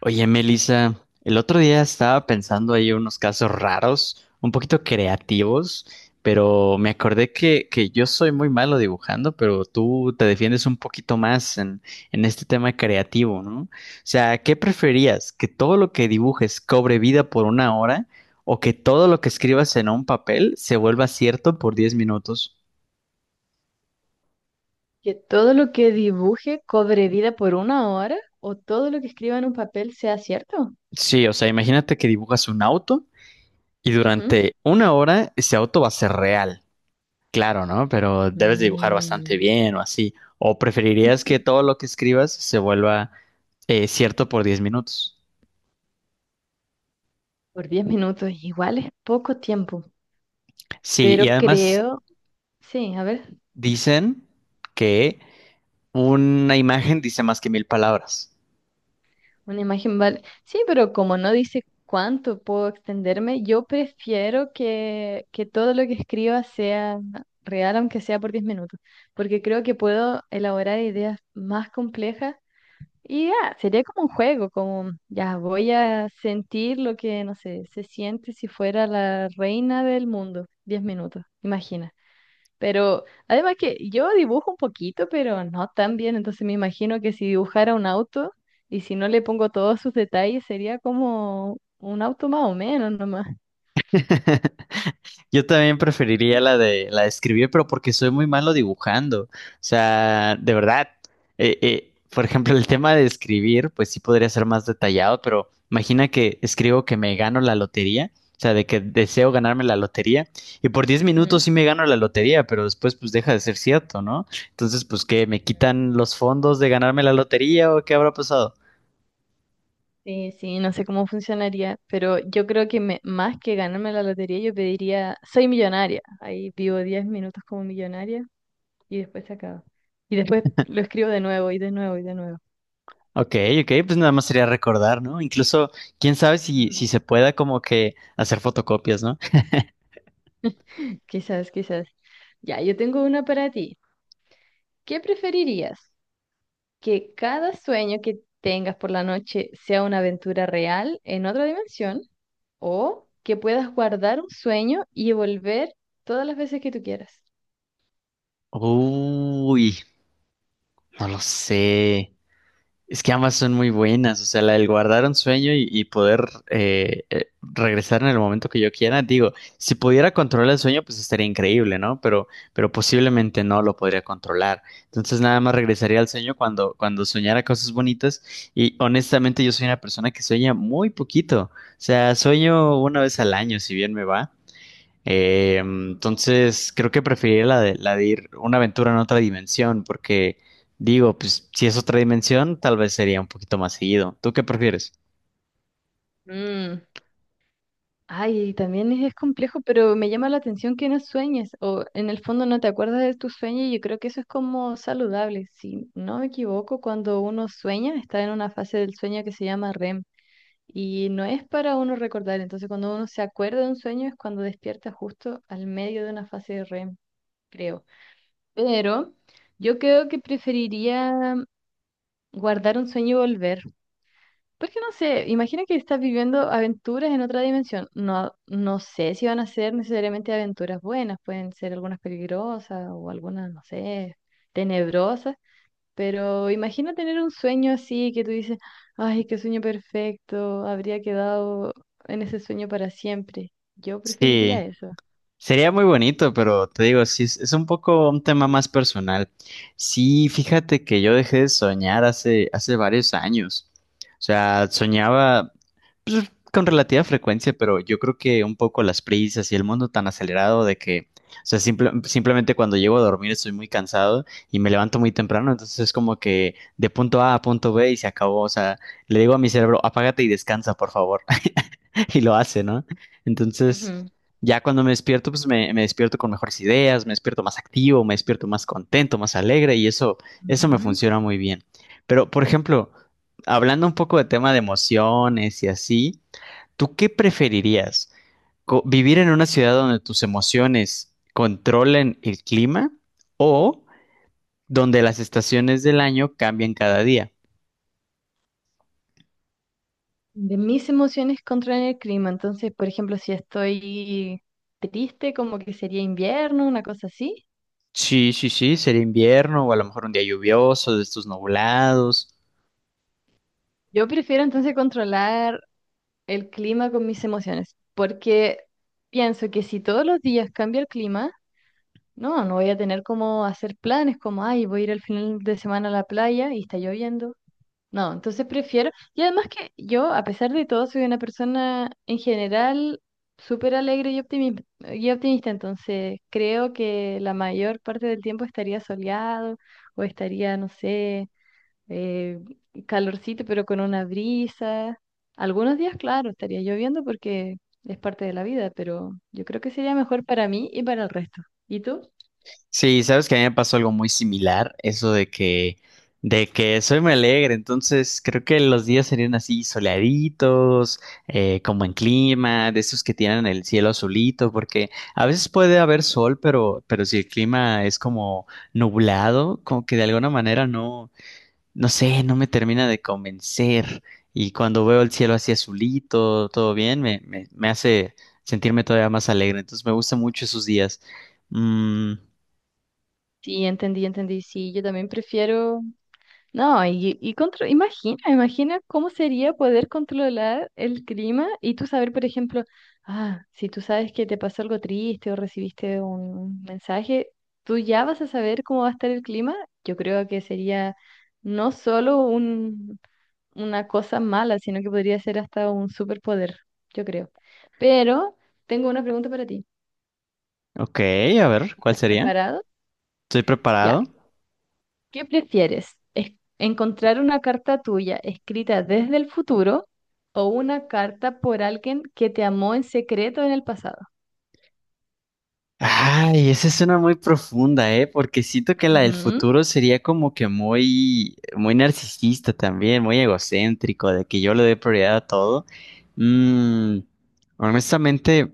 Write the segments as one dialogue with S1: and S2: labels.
S1: Oye, Melissa, el otro día estaba pensando ahí unos casos raros, un poquito creativos, pero me acordé que yo soy muy malo dibujando, pero tú te defiendes un poquito más en este tema creativo, ¿no? O sea, ¿qué preferías? ¿Que todo lo que dibujes cobre vida por 1 hora o que todo lo que escribas en un papel se vuelva cierto por 10 minutos?
S2: Que todo lo que dibuje cobre vida por 1 hora o todo lo que escriba en un papel sea cierto.
S1: Sí, o sea, imagínate que dibujas un auto y
S2: Ujú.
S1: durante 1 hora ese auto va a ser real. Claro, ¿no? Pero debes dibujar bastante
S2: Mm,
S1: bien o así. ¿O preferirías que todo lo que escribas se vuelva cierto por 10 minutos?
S2: por 10 minutos, igual es poco tiempo,
S1: Sí, y
S2: pero
S1: además
S2: creo, sí, a ver,
S1: dicen que una imagen dice más que mil palabras.
S2: una imagen vale. Sí, pero como no dice cuánto puedo extenderme, yo prefiero que todo lo que escriba sea real, aunque sea por 10 minutos, porque creo que puedo elaborar ideas más complejas. Y ya, sería como un juego, como ya voy a sentir lo que, no sé, se siente si fuera la reina del mundo. 10 minutos, imagina. Pero además que yo dibujo un poquito, pero no tan bien, entonces me imagino que si dibujara un auto y si no le pongo todos sus detalles, sería como un auto más o menos nomás.
S1: Yo también preferiría
S2: Ujú.
S1: la de escribir, pero porque soy muy malo dibujando. O sea, de verdad. Por ejemplo, el tema de escribir, pues sí podría ser más detallado, pero imagina que escribo que me gano la lotería, o sea, de que deseo ganarme la lotería, y por 10 minutos sí me gano la lotería, pero después pues deja de ser cierto, ¿no? Entonces, pues que me quitan los fondos de ganarme la lotería o qué habrá pasado.
S2: Sí, sí, no sé cómo funcionaría, pero yo creo que más que ganarme la lotería, yo pediría, soy millonaria. Ahí vivo 10 minutos como millonaria y después se acaba. Y después lo escribo de nuevo y de nuevo y de nuevo.
S1: Ok, ok, pues nada más sería recordar, ¿no? Incluso, quién sabe si,
S2: Ujú.
S1: si se pueda como que hacer fotocopias, ¿no?
S2: Quizás, quizás. Ya, yo tengo una para ti. ¿Qué preferirías? ¿Que cada sueño que tengas por la noche sea una aventura real en otra dimensión? ¿O que puedas guardar un sueño y volver todas las veces que tú quieras?
S1: Uy, no lo sé. Es que ambas son muy buenas, o sea, la del guardar un sueño y poder regresar en el momento que yo quiera. Digo, si pudiera controlar el sueño, pues estaría increíble, ¿no? Pero posiblemente no lo podría controlar. Entonces nada más regresaría al sueño cuando soñara cosas bonitas. Y honestamente yo soy una persona que sueña muy poquito. O sea, sueño una vez al año, si bien me va. Entonces, creo que preferiría la de ir una aventura en otra dimensión, porque digo, pues si es otra dimensión, tal vez sería un poquito más seguido. ¿Tú qué prefieres?
S2: Mm. Ay, también es complejo, pero me llama la atención que no sueñes o en el fondo no te acuerdas de tus sueños y yo creo que eso es como saludable. Si no me equivoco, cuando uno sueña, está en una fase del sueño que se llama REM y no es para uno recordar. Entonces, cuando uno se acuerda de un sueño es cuando despierta justo al medio de una fase de REM, creo. Pero yo creo que preferiría guardar un sueño y volver. Porque no sé, imagina que estás viviendo aventuras en otra dimensión. No, no sé si van a ser necesariamente aventuras buenas, pueden ser algunas peligrosas o algunas, no sé, tenebrosas, pero imagina tener un sueño así que tú dices, ay, qué sueño perfecto, habría quedado en ese sueño para siempre. Yo
S1: Sí.
S2: preferiría eso.
S1: Sería muy bonito, pero te digo, sí, es un poco un tema más personal. Sí, fíjate que yo dejé de soñar hace varios años. O sea, soñaba pues, con relativa frecuencia, pero yo creo que un poco las prisas y el mundo tan acelerado de que, o sea, simplemente cuando llego a dormir estoy muy cansado y me levanto muy temprano, entonces es como que de punto A a punto B y se acabó. O sea, le digo a mi cerebro, apágate y descansa, por favor. Y lo hace, ¿no? Entonces.
S2: Ujú.
S1: Ya cuando me despierto, pues me despierto con mejores ideas, me despierto más activo, me despierto más contento, más alegre y eso me
S2: Ujú.
S1: funciona muy bien. Pero, por ejemplo, hablando un poco de tema de emociones y así, ¿tú qué preferirías? ¿Vivir en una ciudad donde tus emociones controlen el clima o donde las estaciones del año cambian cada día?
S2: De mis emociones controlan el clima, entonces, por ejemplo, si estoy triste, como que sería invierno, una cosa así.
S1: Sí, sí, sí, sería invierno o a lo mejor un día lluvioso, de estos nublados.
S2: Yo prefiero entonces controlar el clima con mis emociones, porque pienso que si todos los días cambia el clima, no, no voy a tener como hacer planes como, ay, voy a ir al final de semana a la playa y está lloviendo. No, entonces prefiero, y además que yo, a pesar de todo, soy una persona en general súper alegre y optimista, entonces creo que la mayor parte del tiempo estaría soleado o estaría, no sé, eh, calorcito, pero con una brisa. Algunos días, claro, estaría lloviendo porque es parte de la vida, pero yo creo que sería mejor para mí y para el resto. ¿Y tú?
S1: Sí, sabes que a mí me pasó algo muy similar, eso de que, soy muy alegre, entonces creo que los días serían así soleaditos, como en clima, de esos que tienen el cielo azulito, porque a veces puede haber sol, pero si el clima es como nublado, como que de alguna manera no, no sé, no me termina de convencer. Y cuando veo el cielo así azulito, todo bien, me hace sentirme todavía más alegre, entonces me gustan mucho esos días. Mm.
S2: Sí, entendí, entendí. Sí, yo también prefiero. No, y imagina, imagina cómo sería poder controlar el clima y tú saber, por ejemplo, ah, si tú sabes que te pasó algo triste o recibiste un mensaje, tú ya vas a saber cómo va a estar el clima. Yo creo que sería no solo una cosa mala, sino que podría ser hasta un superpoder, yo creo. Pero tengo una pregunta para ti.
S1: Ok, a ver, ¿cuál
S2: ¿Estás
S1: sería?
S2: preparado?
S1: ¿Estoy
S2: Ya.
S1: preparado?
S2: ¿Qué prefieres? ¿Es- ¿Encontrar una carta tuya escrita desde el futuro o una carta por alguien que te amó en secreto en el pasado?
S1: Ay, esa es una muy profunda, ¿eh? Porque siento que la del
S2: Ujú.
S1: futuro sería como que muy, muy narcisista también, muy egocéntrico, de que yo le doy prioridad a todo. Mm, Honestamente.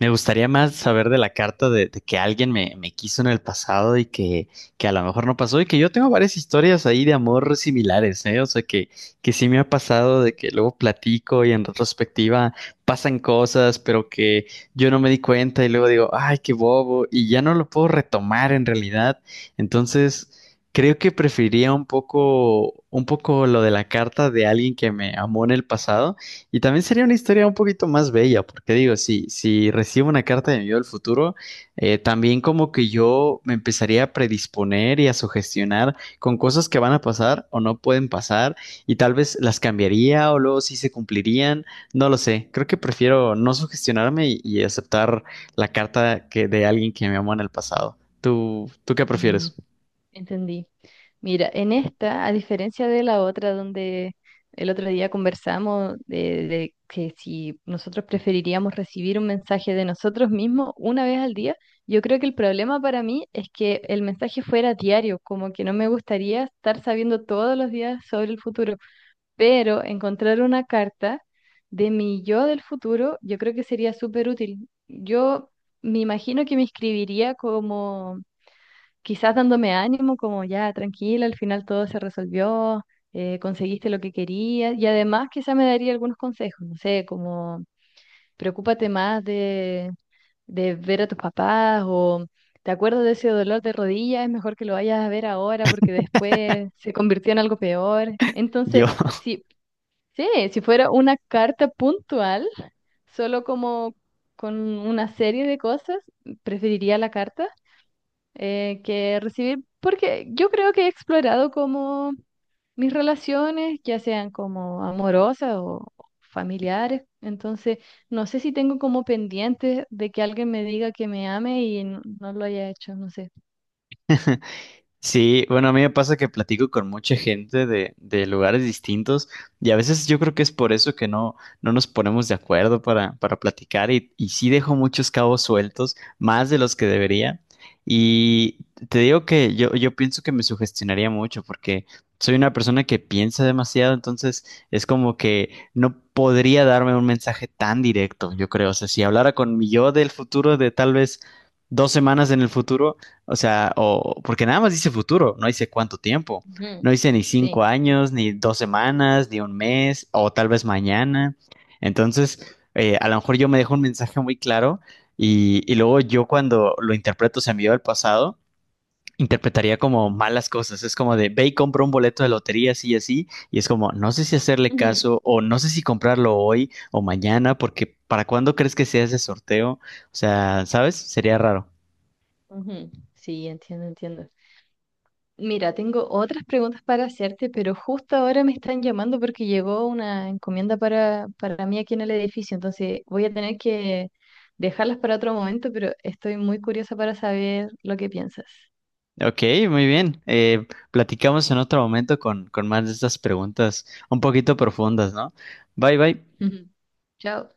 S1: Me gustaría más saber de la carta de que alguien me quiso en el pasado y que a lo mejor no pasó y que yo tengo varias historias ahí de amor similares, ¿eh? O sea, que sí me ha pasado de que luego platico y en retrospectiva pasan cosas, pero que yo no me di cuenta y luego digo, ay, qué bobo, y ya no lo puedo retomar en realidad. Entonces, creo que preferiría un poco lo de la carta de alguien que me amó en el pasado y también sería una historia un poquito más bella, porque digo, si recibo una carta de mi yo del futuro, también como que yo me empezaría a predisponer y a sugestionar con cosas que van a pasar o no pueden pasar, y tal vez las cambiaría o luego sí se cumplirían, no lo sé. Creo que prefiero no sugestionarme y aceptar la carta que, de alguien que me amó en el pasado. ¿Tú ¿qué
S2: Ujú.
S1: prefieres?
S2: Entendí. Mira, en esta, a diferencia de la otra donde el otro día conversamos de que si nosotros preferiríamos recibir un mensaje de nosotros mismos una vez al día, yo creo que el problema para mí es que el mensaje fuera diario, como que no me gustaría estar sabiendo todos los días sobre el futuro, pero encontrar una carta de mi yo del futuro, yo creo que sería súper útil. Yo me imagino que me escribiría como quizás dándome ánimo, como ya, tranquila, al final todo se resolvió, conseguiste lo que querías, y además quizás me daría algunos consejos, no sé, como preocúpate más de ver a tus papás o te acuerdas de ese dolor de rodilla, es mejor que lo vayas a ver ahora porque después se convirtió en algo peor.
S1: Yo.
S2: Entonces, sí, sí, si fuera una carta puntual, solo como con una serie de cosas, preferiría la carta que recibir, porque yo creo que he explorado como mis relaciones, ya sean como amorosas o familiares, entonces no sé si tengo como pendiente de que alguien me diga que me ame y no, no lo haya hecho, no sé.
S1: Sí, bueno, a mí me pasa que platico con mucha gente de lugares distintos y a veces yo creo que es por eso que no nos ponemos de acuerdo para platicar y sí dejo muchos cabos sueltos, más de los que debería. Y te digo que yo pienso que me sugestionaría mucho porque soy una persona que piensa demasiado, entonces es como que no podría darme un mensaje tan directo, yo creo. O sea, si hablara con mi yo del futuro, de tal vez 2 semanas en el futuro o sea, o porque nada más dice futuro, no dice cuánto tiempo.
S2: Ujú,
S1: No dice ni cinco
S2: sí.
S1: años, ni 2 semanas, ni un mes, o tal vez mañana. Entonces, a lo mejor yo me dejo un mensaje muy claro y luego yo cuando lo interpreto, se me envió al pasado, interpretaría como malas cosas. Es como de, ve y compra un boleto de lotería así y así. Y es como, no sé si hacerle caso o no sé si comprarlo hoy o mañana, porque ¿para cuándo crees que sea ese sorteo? O sea, ¿sabes? Sería raro.
S2: Ujú, ujú. Sí, entiendo, entiendo. Mira, tengo otras preguntas para hacerte, pero justo ahora me están llamando porque llegó una encomienda para mí aquí en el edificio, entonces voy a tener que dejarlas para otro momento, pero estoy muy curiosa para saber lo que piensas.
S1: Ok, muy bien. Platicamos en otro momento con más de estas preguntas un poquito profundas, ¿no? Bye, bye.
S2: Chao.